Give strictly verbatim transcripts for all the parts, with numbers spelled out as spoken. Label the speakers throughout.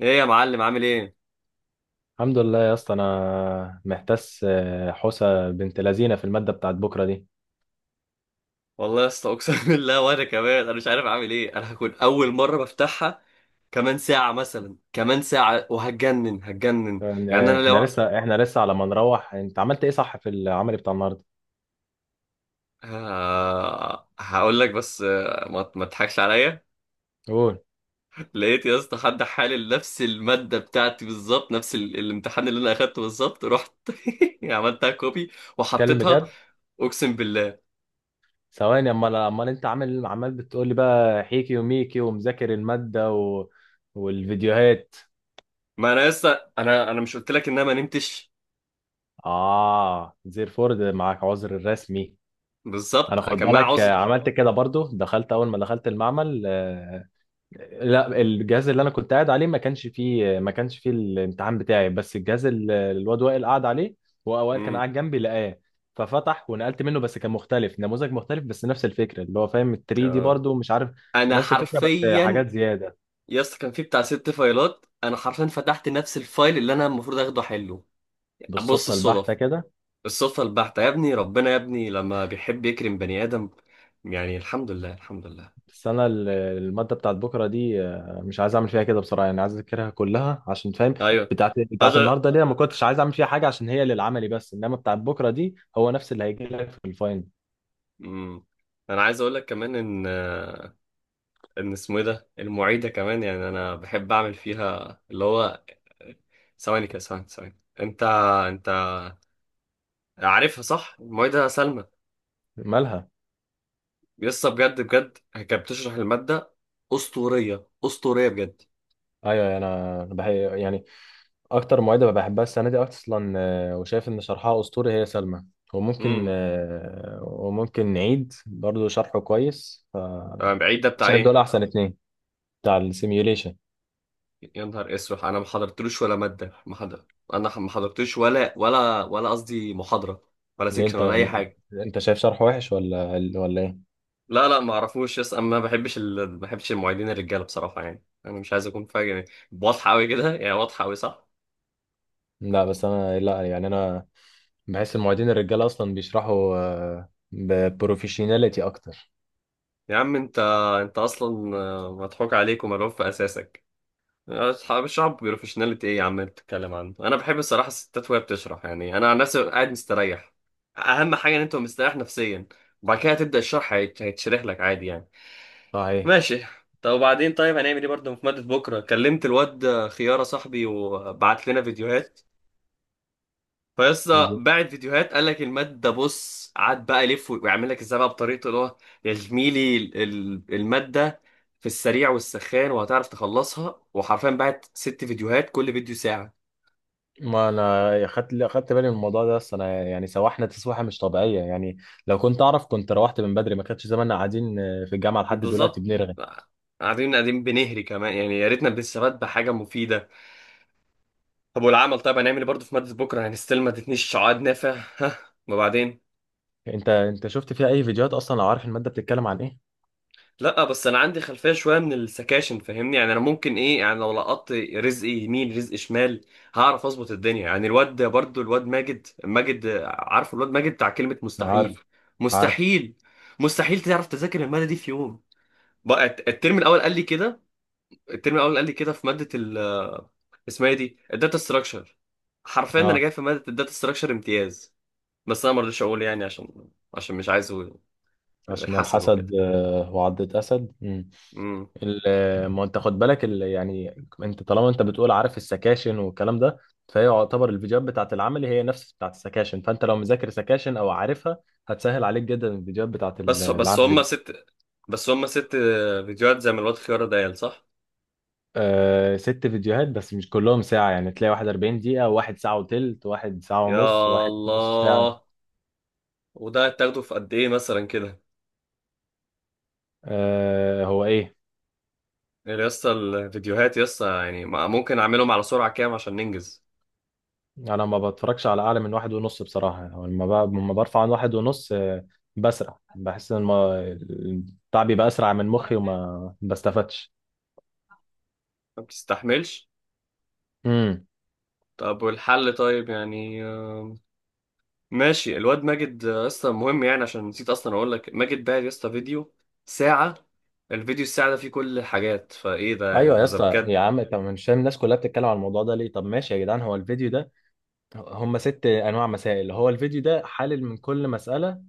Speaker 1: ايه يا معلم، عامل ايه؟
Speaker 2: الحمد لله يا اسطى، انا محتاس آه، حوسه بنت لذينه في الماده بتاعت بكره دي.
Speaker 1: والله يا اسطى، اقسم بالله. وانا كمان انا مش عارف اعمل ايه. انا هكون اول مره بفتحها. كمان ساعه مثلا، كمان ساعه وهتجنن هتجنن.
Speaker 2: يعني
Speaker 1: يعني
Speaker 2: آه،
Speaker 1: انا
Speaker 2: احنا
Speaker 1: لو
Speaker 2: لسه احنا لسه على ما نروح. انت عملت ايه صح في العمل بتاع النهارده؟
Speaker 1: ه... هقول لك. بس آه، ما ما تضحكش عليا.
Speaker 2: قول.
Speaker 1: لقيت يا اسطى حد حالل نفس الماده بتاعتي بالظبط، نفس ال... الامتحان اللي انا اخدته بالظبط. رحت عملتها كوبي
Speaker 2: اتكلم
Speaker 1: وحطيتها.
Speaker 2: بجد.
Speaker 1: اقسم بالله.
Speaker 2: ثواني، امال امال انت عامل؟ عمال بتقول لي بقى حيكي وميكي ومذاكر الماده و... والفيديوهات.
Speaker 1: ما انا لسه، انا انا مش قلت لك ان انا ما نمتش؟
Speaker 2: اه، زيرفورد معاك عذر رسمي. انا
Speaker 1: بالظبط
Speaker 2: خد
Speaker 1: كان معايا
Speaker 2: بالك آه،
Speaker 1: عذر.
Speaker 2: عملت كده برضو، دخلت اول ما دخلت المعمل. آه، لا، الجهاز اللي انا كنت قاعد عليه ما كانش فيه ما كانش فيه الامتحان بتاعي، بس الجهاز اللي الواد وائل قاعد عليه، هو وائل كان قاعد جنبي، لقاه ففتح ونقلت منه، بس كان مختلف، نموذج مختلف، بس نفس الفكره، اللي هو فاهم ال تلاتة دي
Speaker 1: امم.
Speaker 2: برضو مش عارف.
Speaker 1: انا
Speaker 2: نفس الفكره بس
Speaker 1: حرفيا
Speaker 2: حاجات زياده.
Speaker 1: يا اسطى كان في بتاع ست فايلات. انا حرفيا فتحت نفس الفايل اللي انا المفروض اخده حله. بص
Speaker 2: بالصدفه البحته
Speaker 1: الصدف
Speaker 2: كده.
Speaker 1: الصدفه البحته يا ابني. ربنا يا ابني لما بيحب يكرم بني ادم. يعني الحمد لله، الحمد لله.
Speaker 2: بس انا ال- الماده بتاعت بكره دي آه، مش عايز اعمل فيها كده بصراحه، يعني عايز اذاكرها كلها عشان فاهم.
Speaker 1: ايوه.
Speaker 2: بتاعت بتاعت
Speaker 1: اجل.
Speaker 2: النهارده دي أنا ما كنتش عايز اعمل فيها حاجه عشان هي للعملي، بس انما بتاعت بكره دي هو نفس اللي هيجي لك في الفاينل.
Speaker 1: امم. انا عايز اقول لك كمان ان ان اسمه ايه ده، المعيده كمان يعني انا بحب اعمل فيها اللي هو. ثواني كده، ثواني، ثواني. انت انت عارفها صح؟ المعيده سلمى.
Speaker 2: مالها؟
Speaker 1: لسه، بجد بجد كانت بتشرح المادة. أسطورية أسطورية بجد.
Speaker 2: ايوه ايوه، انا أنا بح... يعني اكتر معيده بحبها السنه دي اصلا. آه، وشايف ان شرحها اسطوري، هي سلمى. وممكن
Speaker 1: امم.
Speaker 2: آه، وممكن نعيد برضو شرحه كويس،
Speaker 1: أنا
Speaker 2: فشايف
Speaker 1: بعيد ده بتاع
Speaker 2: دول
Speaker 1: إيه؟
Speaker 2: احسن اتنين، بتاع السيميوليشن.
Speaker 1: يا نهار أسود، أنا ما حضرتلوش ولا مادة، ما حضر. أنا ما حضرتلوش، ولا ولا ولا قصدي محاضرة، ولا
Speaker 2: اللي
Speaker 1: سيكشن،
Speaker 2: انت
Speaker 1: ولا أي حاجة.
Speaker 2: انت شايف شرحه وحش ولا ولا ايه؟
Speaker 1: لا لا، ما أعرفوش يس. أنا ما بحبش ال... ما بحبش المعيدين الرجالة بصراحة. يعني أنا مش عايز أكون فاهم، يعني واضحة أوي كده، يعني واضحة أوي صح.
Speaker 2: لا، بس انا، لا، يعني انا بحس المعيدين الرجاله اصلا بيشرحوا ببروفيشناليتي اكتر.
Speaker 1: يا عم أنت أنت أصلا آه، مضحوك عليك وملعوب في أساسك. اصحاب الشعب بروفيشناليتي ايه يا عم انت بتتكلم عنه؟ انا بحب الصراحه الستات وهي بتشرح. يعني انا عن نفسي ببقى قاعد مستريح. اهم حاجه ان انت مستريح نفسيا، وبعد كده تبدا الشرح هيت- هيتشرح لك عادي يعني.
Speaker 2: صحيح.
Speaker 1: ماشي. طب وبعدين، طيب هنعمل ايه برضه في ماده بكره؟ كلمت الواد خياره صاحبي وبعت لنا فيديوهات. فيسطا باعت فيديوهات قال لك الماد ده، بص قعد بقى يلف ويعمل لك ازاي بقى بطريقته اللي هو. يا زميلي، ال- ال- الماده في السريع والسخان وهتعرف تخلصها. وحرفيا باعت ست فيديوهات، كل فيديو ساعه.
Speaker 2: ما انا خدت خدت بالي من الموضوع ده، بس انا يعني سواحنا تسويحه مش طبيعيه يعني. لو كنت اعرف كنت روحت من بدري، ما كانش زماننا قاعدين في الجامعه لحد دلوقتي
Speaker 1: بالظبط.
Speaker 2: بنرغي.
Speaker 1: قاعدين قاعدين بنهري كمان، يعني يا ريتنا بنستفاد بحاجه مفيده. طب والعمل، طيب هنعمل ايه برضه في ماده بكره؟ يعني ستيل ما ادتنيش عقد نافع ها. وبعدين.
Speaker 2: انت انت شفت فيها اي فيديوهات اصلا لو عارف الماده بتتكلم عن ايه؟
Speaker 1: لا، بس انا عندي خلفيه شويه من السكاشن، فاهمني؟ يعني انا ممكن ايه؟ يعني لو لقطت رزق يمين رزق شمال هعرف اظبط الدنيا. يعني الواد ده برضو، الواد ماجد ماجد عارف، الواد ماجد بتاع كلمه
Speaker 2: أنا
Speaker 1: مستحيل.
Speaker 2: عارف. عارف.
Speaker 1: مستحيل. مستحيل تعرف تذاكر الماده دي في يوم. بقى الت- الترم الاول قال لي كده. الترم الاول قال لي كده في ماده ال، اسمها إيه دي، الداتا ستراكشر. حرفيا انا
Speaker 2: اه.
Speaker 1: جاي في ماده الداتا ستراكشر امتياز. بس انا ما رضيتش اقول يعني، عشان عشان مش عايزه.
Speaker 2: عشان
Speaker 1: الحسد
Speaker 2: الحسد
Speaker 1: وكده.
Speaker 2: آه، وعضة أسد. مم. ال- آه، ما أنت خد بالك، ال- يعني أنت طالما أنت بتقول عارف السكاشن والكلام ده، فهي يعتبر الفيديوهات بتاعت العملي هي نفس بتاعت السكاشن، فأنت لو مذاكر سكاشن أو عارفها، هتسهل عليك جدا الفيديوهات بتاعت ال-
Speaker 1: بس بس
Speaker 2: العملي.
Speaker 1: هم ست بس هم ست فيديوهات زي ما الواد خيارة دايل، صح؟
Speaker 2: آه، ست فيديوهات، بس مش كلهم ساعة، يعني تلاقي واحد اربعين دقيقة، وواحد ساعة وتلت، وواحد ساعة ونص،
Speaker 1: يا
Speaker 2: وواحد نص ساعة.
Speaker 1: الله. وده هتاخده في قد ايه مثلا كده؟
Speaker 2: آه، هو ايه.
Speaker 1: يعني يا اسطى الفيديوهات يا اسطى، يعني ما- ممكن اعملهم على سرعة كام عشان ننجز؟
Speaker 2: انا ما بتفرجش على اعلى من واحد ونص بصراحة. هو لما ب- لما برفع عن واحد ونص آه بسرع، بحس ان ما- البتاع بيبقى اسرع من مخي وما بستفادش.
Speaker 1: ما بتستحملش.
Speaker 2: امم.
Speaker 1: طب والحل، طيب يعني آم، ماشي. الواد ماجد آه، اصلا مهم، يعني عشان نسيت اصلا اقول لك ماجد باعت يا اسطى فيديو ساعة. الفيديو الساعة ده فيه كل الحاجات، فايه ده يعني،
Speaker 2: ايوه يا
Speaker 1: ده ده
Speaker 2: اسطى،
Speaker 1: بجد.
Speaker 2: يا عم، طب مش فاهم الناس كلها بتتكلم على الموضوع ده ليه؟ طب ماشي يا جدعان، هو الفيديو ده هم ست انواع مسائل، هو الفيديو ده حلل من كل مسألة،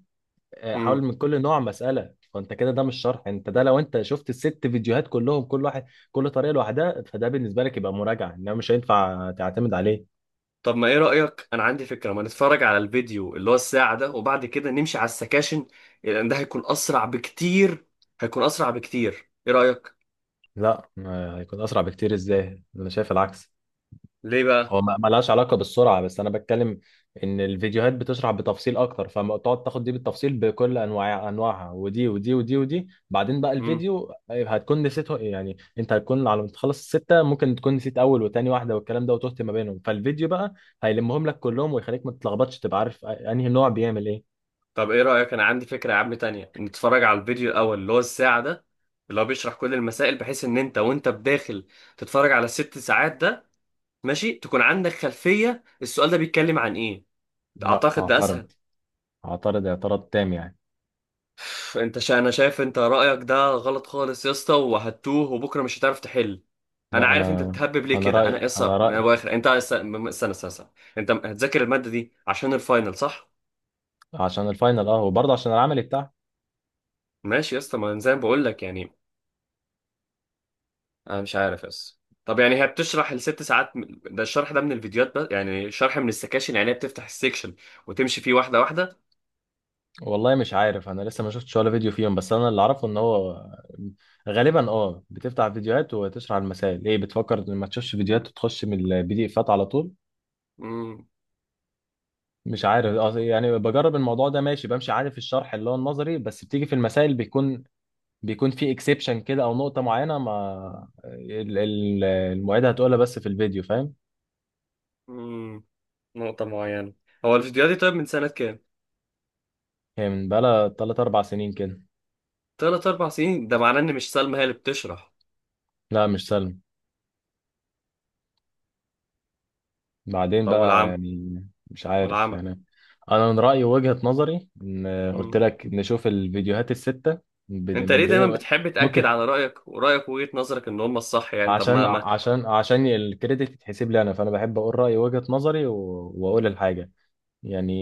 Speaker 2: آه، حاول من كل نوع مسألة، فانت كده ده مش شرح. انت ده لو انت شفت الست فيديوهات كلهم، كل واحد، كل طريقة لوحدها، فده بالنسبة لك يبقى مراجعة، انما مش هينفع تعتمد عليه.
Speaker 1: طب ما ايه رأيك، انا عندي فكرة: ما نتفرج على الفيديو اللي هو الساعة ده وبعد كده نمشي على السكاشن، لان ده هيكون اسرع بكتير. هيكون اسرع بكتير، ايه رأيك؟
Speaker 2: لا آه، هيكون اسرع بكتير ازاي؟ انا شايف العكس.
Speaker 1: ليه بقى؟
Speaker 2: هو ما ما لهاش علاقة بالسرعة، بس أنا بتكلم إن الفيديوهات بتشرح بتفصيل أكتر، فتقعد تاخد دي بالتفصيل بكل أنواع أنواعها، ودي ودي ودي ودي، بعدين بقى
Speaker 1: امم.
Speaker 2: الفيديو آه، هتكون نسيته. يعني أنت هتكون على ما تخلص الستة ممكن تكون نسيت أول وتاني واحدة والكلام ده، وتهت ما بينهم، فالفيديو بقى هيلمهم لك كلهم ويخليك ما تتلخبطش، تبقى عارف أنهي نوع بيعمل إيه.
Speaker 1: طب ايه رأيك، انا عندي فكرة يا عم تانية: نتفرج على الفيديو الاول اللي هو الساعة ده، اللي هو بيشرح كل المسائل، بحيث ان انت وانت بداخل تتفرج على الست ساعات ده ماشي، تكون عندك خلفية السؤال ده بيتكلم عن ايه.
Speaker 2: لا
Speaker 1: اعتقد ده اسهل.
Speaker 2: أعترض. أعترض اعتراض تام يعني.
Speaker 1: انت شا... انا شايف انت رأيك ده غلط خالص يا اسطى، وهتوه وبكرة مش هتعرف تحل. انا
Speaker 2: لا
Speaker 1: عارف انت
Speaker 2: أنا،
Speaker 1: بتهبب ليه
Speaker 2: أنا
Speaker 1: كده. انا
Speaker 2: رأيي أنا
Speaker 1: قصه من
Speaker 2: رأيي
Speaker 1: ابو اخر. انت است- م- استنى استنى استنى. انت هتذاكر الماده دي عشان الفاينل، صح؟
Speaker 2: عشان الفاينل، أه، وبرضه عشان العمل بتاعها.
Speaker 1: ماشي يا اسطى، ما أنا زي ما بقول لك يعني. انا مش عارف يا اسطى. طب يعني هي بتشرح الست ساعات، م- ده الشرح ده من الفيديوهات بس؟ يعني شرح من السكاشن، يعني هي بتفتح السكشن وتمشي فيه واحده واحده.
Speaker 2: والله مش عارف، انا لسه ما شفتش ولا فيديو فيهم، بس انا اللي اعرفه ان هو غالبا اه بتفتح فيديوهات وتشرح المسائل. ايه بتفكر ان ما تشوفش فيديوهات وتخش من البي دي افات على طول.
Speaker 1: امم.
Speaker 2: مش عارف آه، يعني بجرب الموضوع ده ماشي، بمشي عارف الشرح اللي هو النظري، بس بتيجي في المسائل بيكون بيكون في اكسبشن كده، او نقطة معينة ما ال- ال- المعيدة هتقولها بس في الفيديو، فاهم.
Speaker 1: امم، نقطه معينه. هو الفيديوهات دي طيب من سنه كام؟
Speaker 2: هي من بقالها تلاتة اربع سنين كده.
Speaker 1: ثلاث اربع سنين؟ ده معناه ان مش سلمى هي اللي بتشرح.
Speaker 2: لا مش سهل، بعدين
Speaker 1: طب
Speaker 2: بقى
Speaker 1: والعم
Speaker 2: يعني. مش عارف
Speaker 1: والعمى.
Speaker 2: يعني. انا من رأيي وجهة نظري ان قلت لك نشوف الفيديوهات الستة من بدا-
Speaker 1: انت ليه
Speaker 2: من
Speaker 1: دايما
Speaker 2: بداية.
Speaker 1: بتحب تأكد
Speaker 2: ممكن
Speaker 1: على رأيك ورأيك وجهة نظرك ان هم الصح؟ يعني طب
Speaker 2: عشان
Speaker 1: ما ما.
Speaker 2: عشان عشان الكريدت يتحسب لي انا، فانا بحب اقول رأيي وجهة نظري و- واقول الحاجة يعني.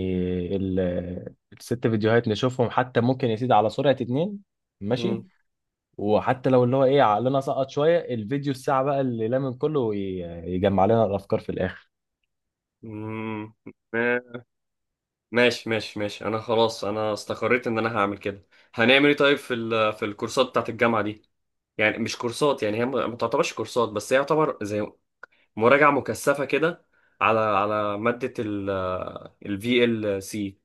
Speaker 2: ال- الست فيديوهات نشوفهم، حتى ممكن يا سيدي على سرعة اتنين. ماشي.
Speaker 1: مم.
Speaker 2: وحتى لو اللي هو ايه عقلنا سقط شوية، الفيديو الساعة بقى اللي لمن كله وي- يجمع لنا الافكار في الاخر.
Speaker 1: مم. ما- ماشي ماشي ماشي، انا خلاص، انا استقريت ان انا هعمل كده. هنعمل ايه طيب في ال... في الكورسات بتاعت الجامعة دي؟ يعني مش كورسات، يعني هي ما ما تعتبرش كورسات، بس هي يعتبر زي مراجعة مكثفة كده على على مادة ال ال V L C.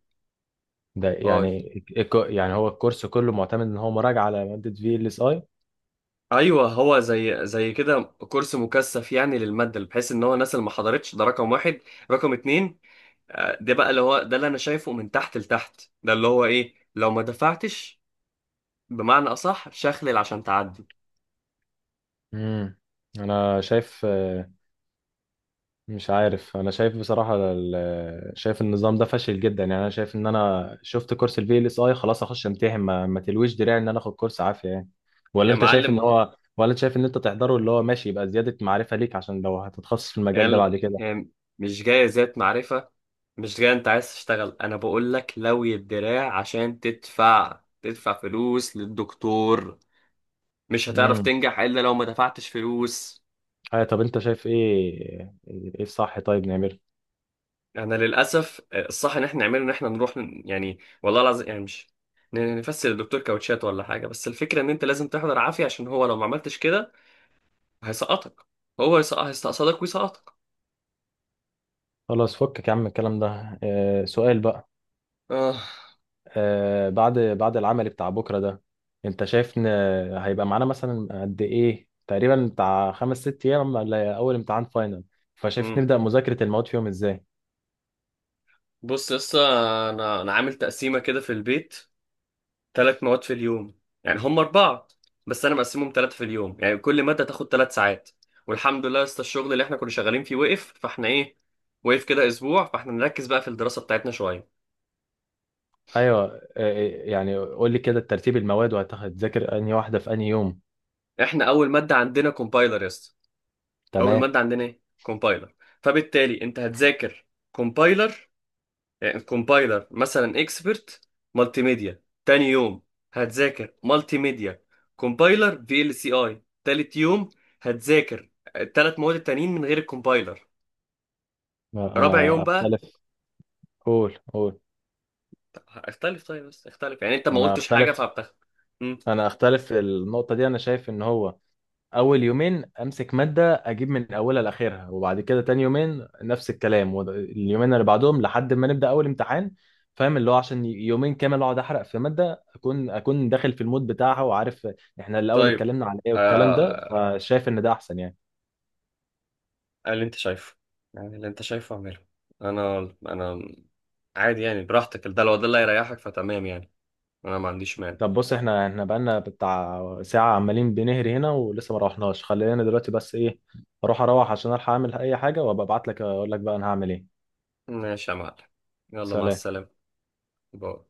Speaker 2: ده
Speaker 1: اه.
Speaker 2: يعني الك- يعني هو الكورس كله معتمد ان هو مراجعة على مادة في ال اس اي.
Speaker 1: ايوه هو زي زي كده كورس مكثف يعني للمادة، بحيث ان هو الناس اللي ما حضرتش، ده رقم واحد. رقم اتنين، آه، ده بقى اللي هو، ده اللي انا شايفه من تحت لتحت، ده اللي هو ايه لو ما دفعتش، بمعنى اصح شخلل عشان تعدي.
Speaker 2: امم. انا شايف آه، مش عارف. انا شايف بصراحة ال- آه، شايف النظام ده فاشل جدا يعني. انا شايف ان انا شفت كورس الفي ال اس اي خلاص، اخش امتحن. ما, ما تلويش دراعي ان انا اخد كورس عافية يعني. ولا
Speaker 1: يا
Speaker 2: انت شايف
Speaker 1: معلم
Speaker 2: ان
Speaker 1: ما هو-
Speaker 2: هو ولا انت شايف ان انت تحضره اللي هو ماشي يبقى زيادة معرفة ليك، عشان لو هتتخصص في
Speaker 1: هي
Speaker 2: المجال ده
Speaker 1: ال-
Speaker 2: بعد كده.
Speaker 1: هي مش جايه ذات معرفه. مش جايه انت عايز تشتغل. انا بقول لك لوي الدراع عشان تدفع تدفع فلوس للدكتور. مش هتعرف
Speaker 2: امم.
Speaker 1: تنجح الا لو ما دفعتش فلوس.
Speaker 2: ايوه طب انت شايف ايه؟ ايه الصح، طيب نعمله.
Speaker 1: انا للاسف آه، الصح ان احنا نعمله ان احنا نروح ن- يعني والله العظيم يعني مش ن- نفسر للدكتور كاوتشات ولا حاجه. بس الفكره ان انت لازم تحضر عافيه، عشان هو لو ما عملتش كده هيسقطك. هو هيسقط هيستقصدك ويسقطك.
Speaker 2: خلاص فكك يا عم الكلام ده. آه، سؤال بقى.
Speaker 1: اه.
Speaker 2: آه، بعد بعد العمل بتاع بكرة ده، انت شايف ان هيبقى معانا مثلا قد ايه تقريبا، بتاع خمس ست ايام ولا اول امتحان فاينل؟ فشايف
Speaker 1: امم.
Speaker 2: نبدأ مذاكرة المواد فيهم ازاي؟
Speaker 1: بص لسه، انا انا عامل تقسيمه كده في البيت: ثلاث مواد في اليوم. يعني هم اربعه بس انا مقسمهم ثلاثه في اليوم، يعني كل ماده تاخد ثلاث ساعات. والحمد لله لسه الشغل اللي احنا كنا شغالين فيه وقف، فاحنا ايه، وقف كده اسبوع، فاحنا نركز بقى في الدراسه بتاعتنا شويه.
Speaker 2: ايوه آه، آه، يعني قول لي كده ترتيب المواد وهتذاكر انهي واحدة في انهي يوم.
Speaker 1: احنا اول ماده عندنا كومبايلر يا اسطى، اول
Speaker 2: تمام.
Speaker 1: ماده عندنا ايه، كومبايلر. فبالتالي انت هتذاكر كومبايلر. يعني الكومبايلر مثلا اكسبرت، مالتي ميديا تاني يوم هتذاكر مالتي ميديا، كومبايلر في ال سي اي تالت يوم. هتذاكر التلات مواد التانيين من غير الكومبايلر.
Speaker 2: لا،
Speaker 1: رابع
Speaker 2: انا
Speaker 1: يوم بقى.
Speaker 2: اختلف. قول قول.
Speaker 1: اختلف طيب بس اختلف يعني انت ما
Speaker 2: انا
Speaker 1: قلتش حاجة
Speaker 2: اختلف.
Speaker 1: فبتاخد. مم.
Speaker 2: انا اختلف في النقطة دي. انا شايف ان هو اول يومين امسك ماده اجيب من اولها لاخرها، وبعد كده تاني يومين نفس الكلام، واليومين اللي بعدهم لحد ما نبدا اول امتحان. فاهم؟ اللي هو عشان يومين كامل اقعد احرق في ماده، اكون اكون داخل في المود بتاعها وعارف احنا الاول
Speaker 1: طيب
Speaker 2: اتكلمنا على ايه والكلام ده،
Speaker 1: آه...
Speaker 2: فشايف ان ده احسن يعني.
Speaker 1: اللي انت شايفه، يعني اللي انت شايفه اعمله. انا انا عادي يعني، براحتك، ده لو ده اللي هيريحك فتمام يعني. انا ما عنديش مانع.
Speaker 2: طب بص احنا احنا بقالنا بتاع ساعه عمالين بنهري هنا ولسه ما روحناش، خلينا دلوقتي بس ايه، اروح اروح عشان الحق اعمل اي حاجه، وابقى ابعت لك اقول لك بقى انا هعمل ايه.
Speaker 1: ماشي يا معلم، يلا مع
Speaker 2: سلام.
Speaker 1: السلامة. باي.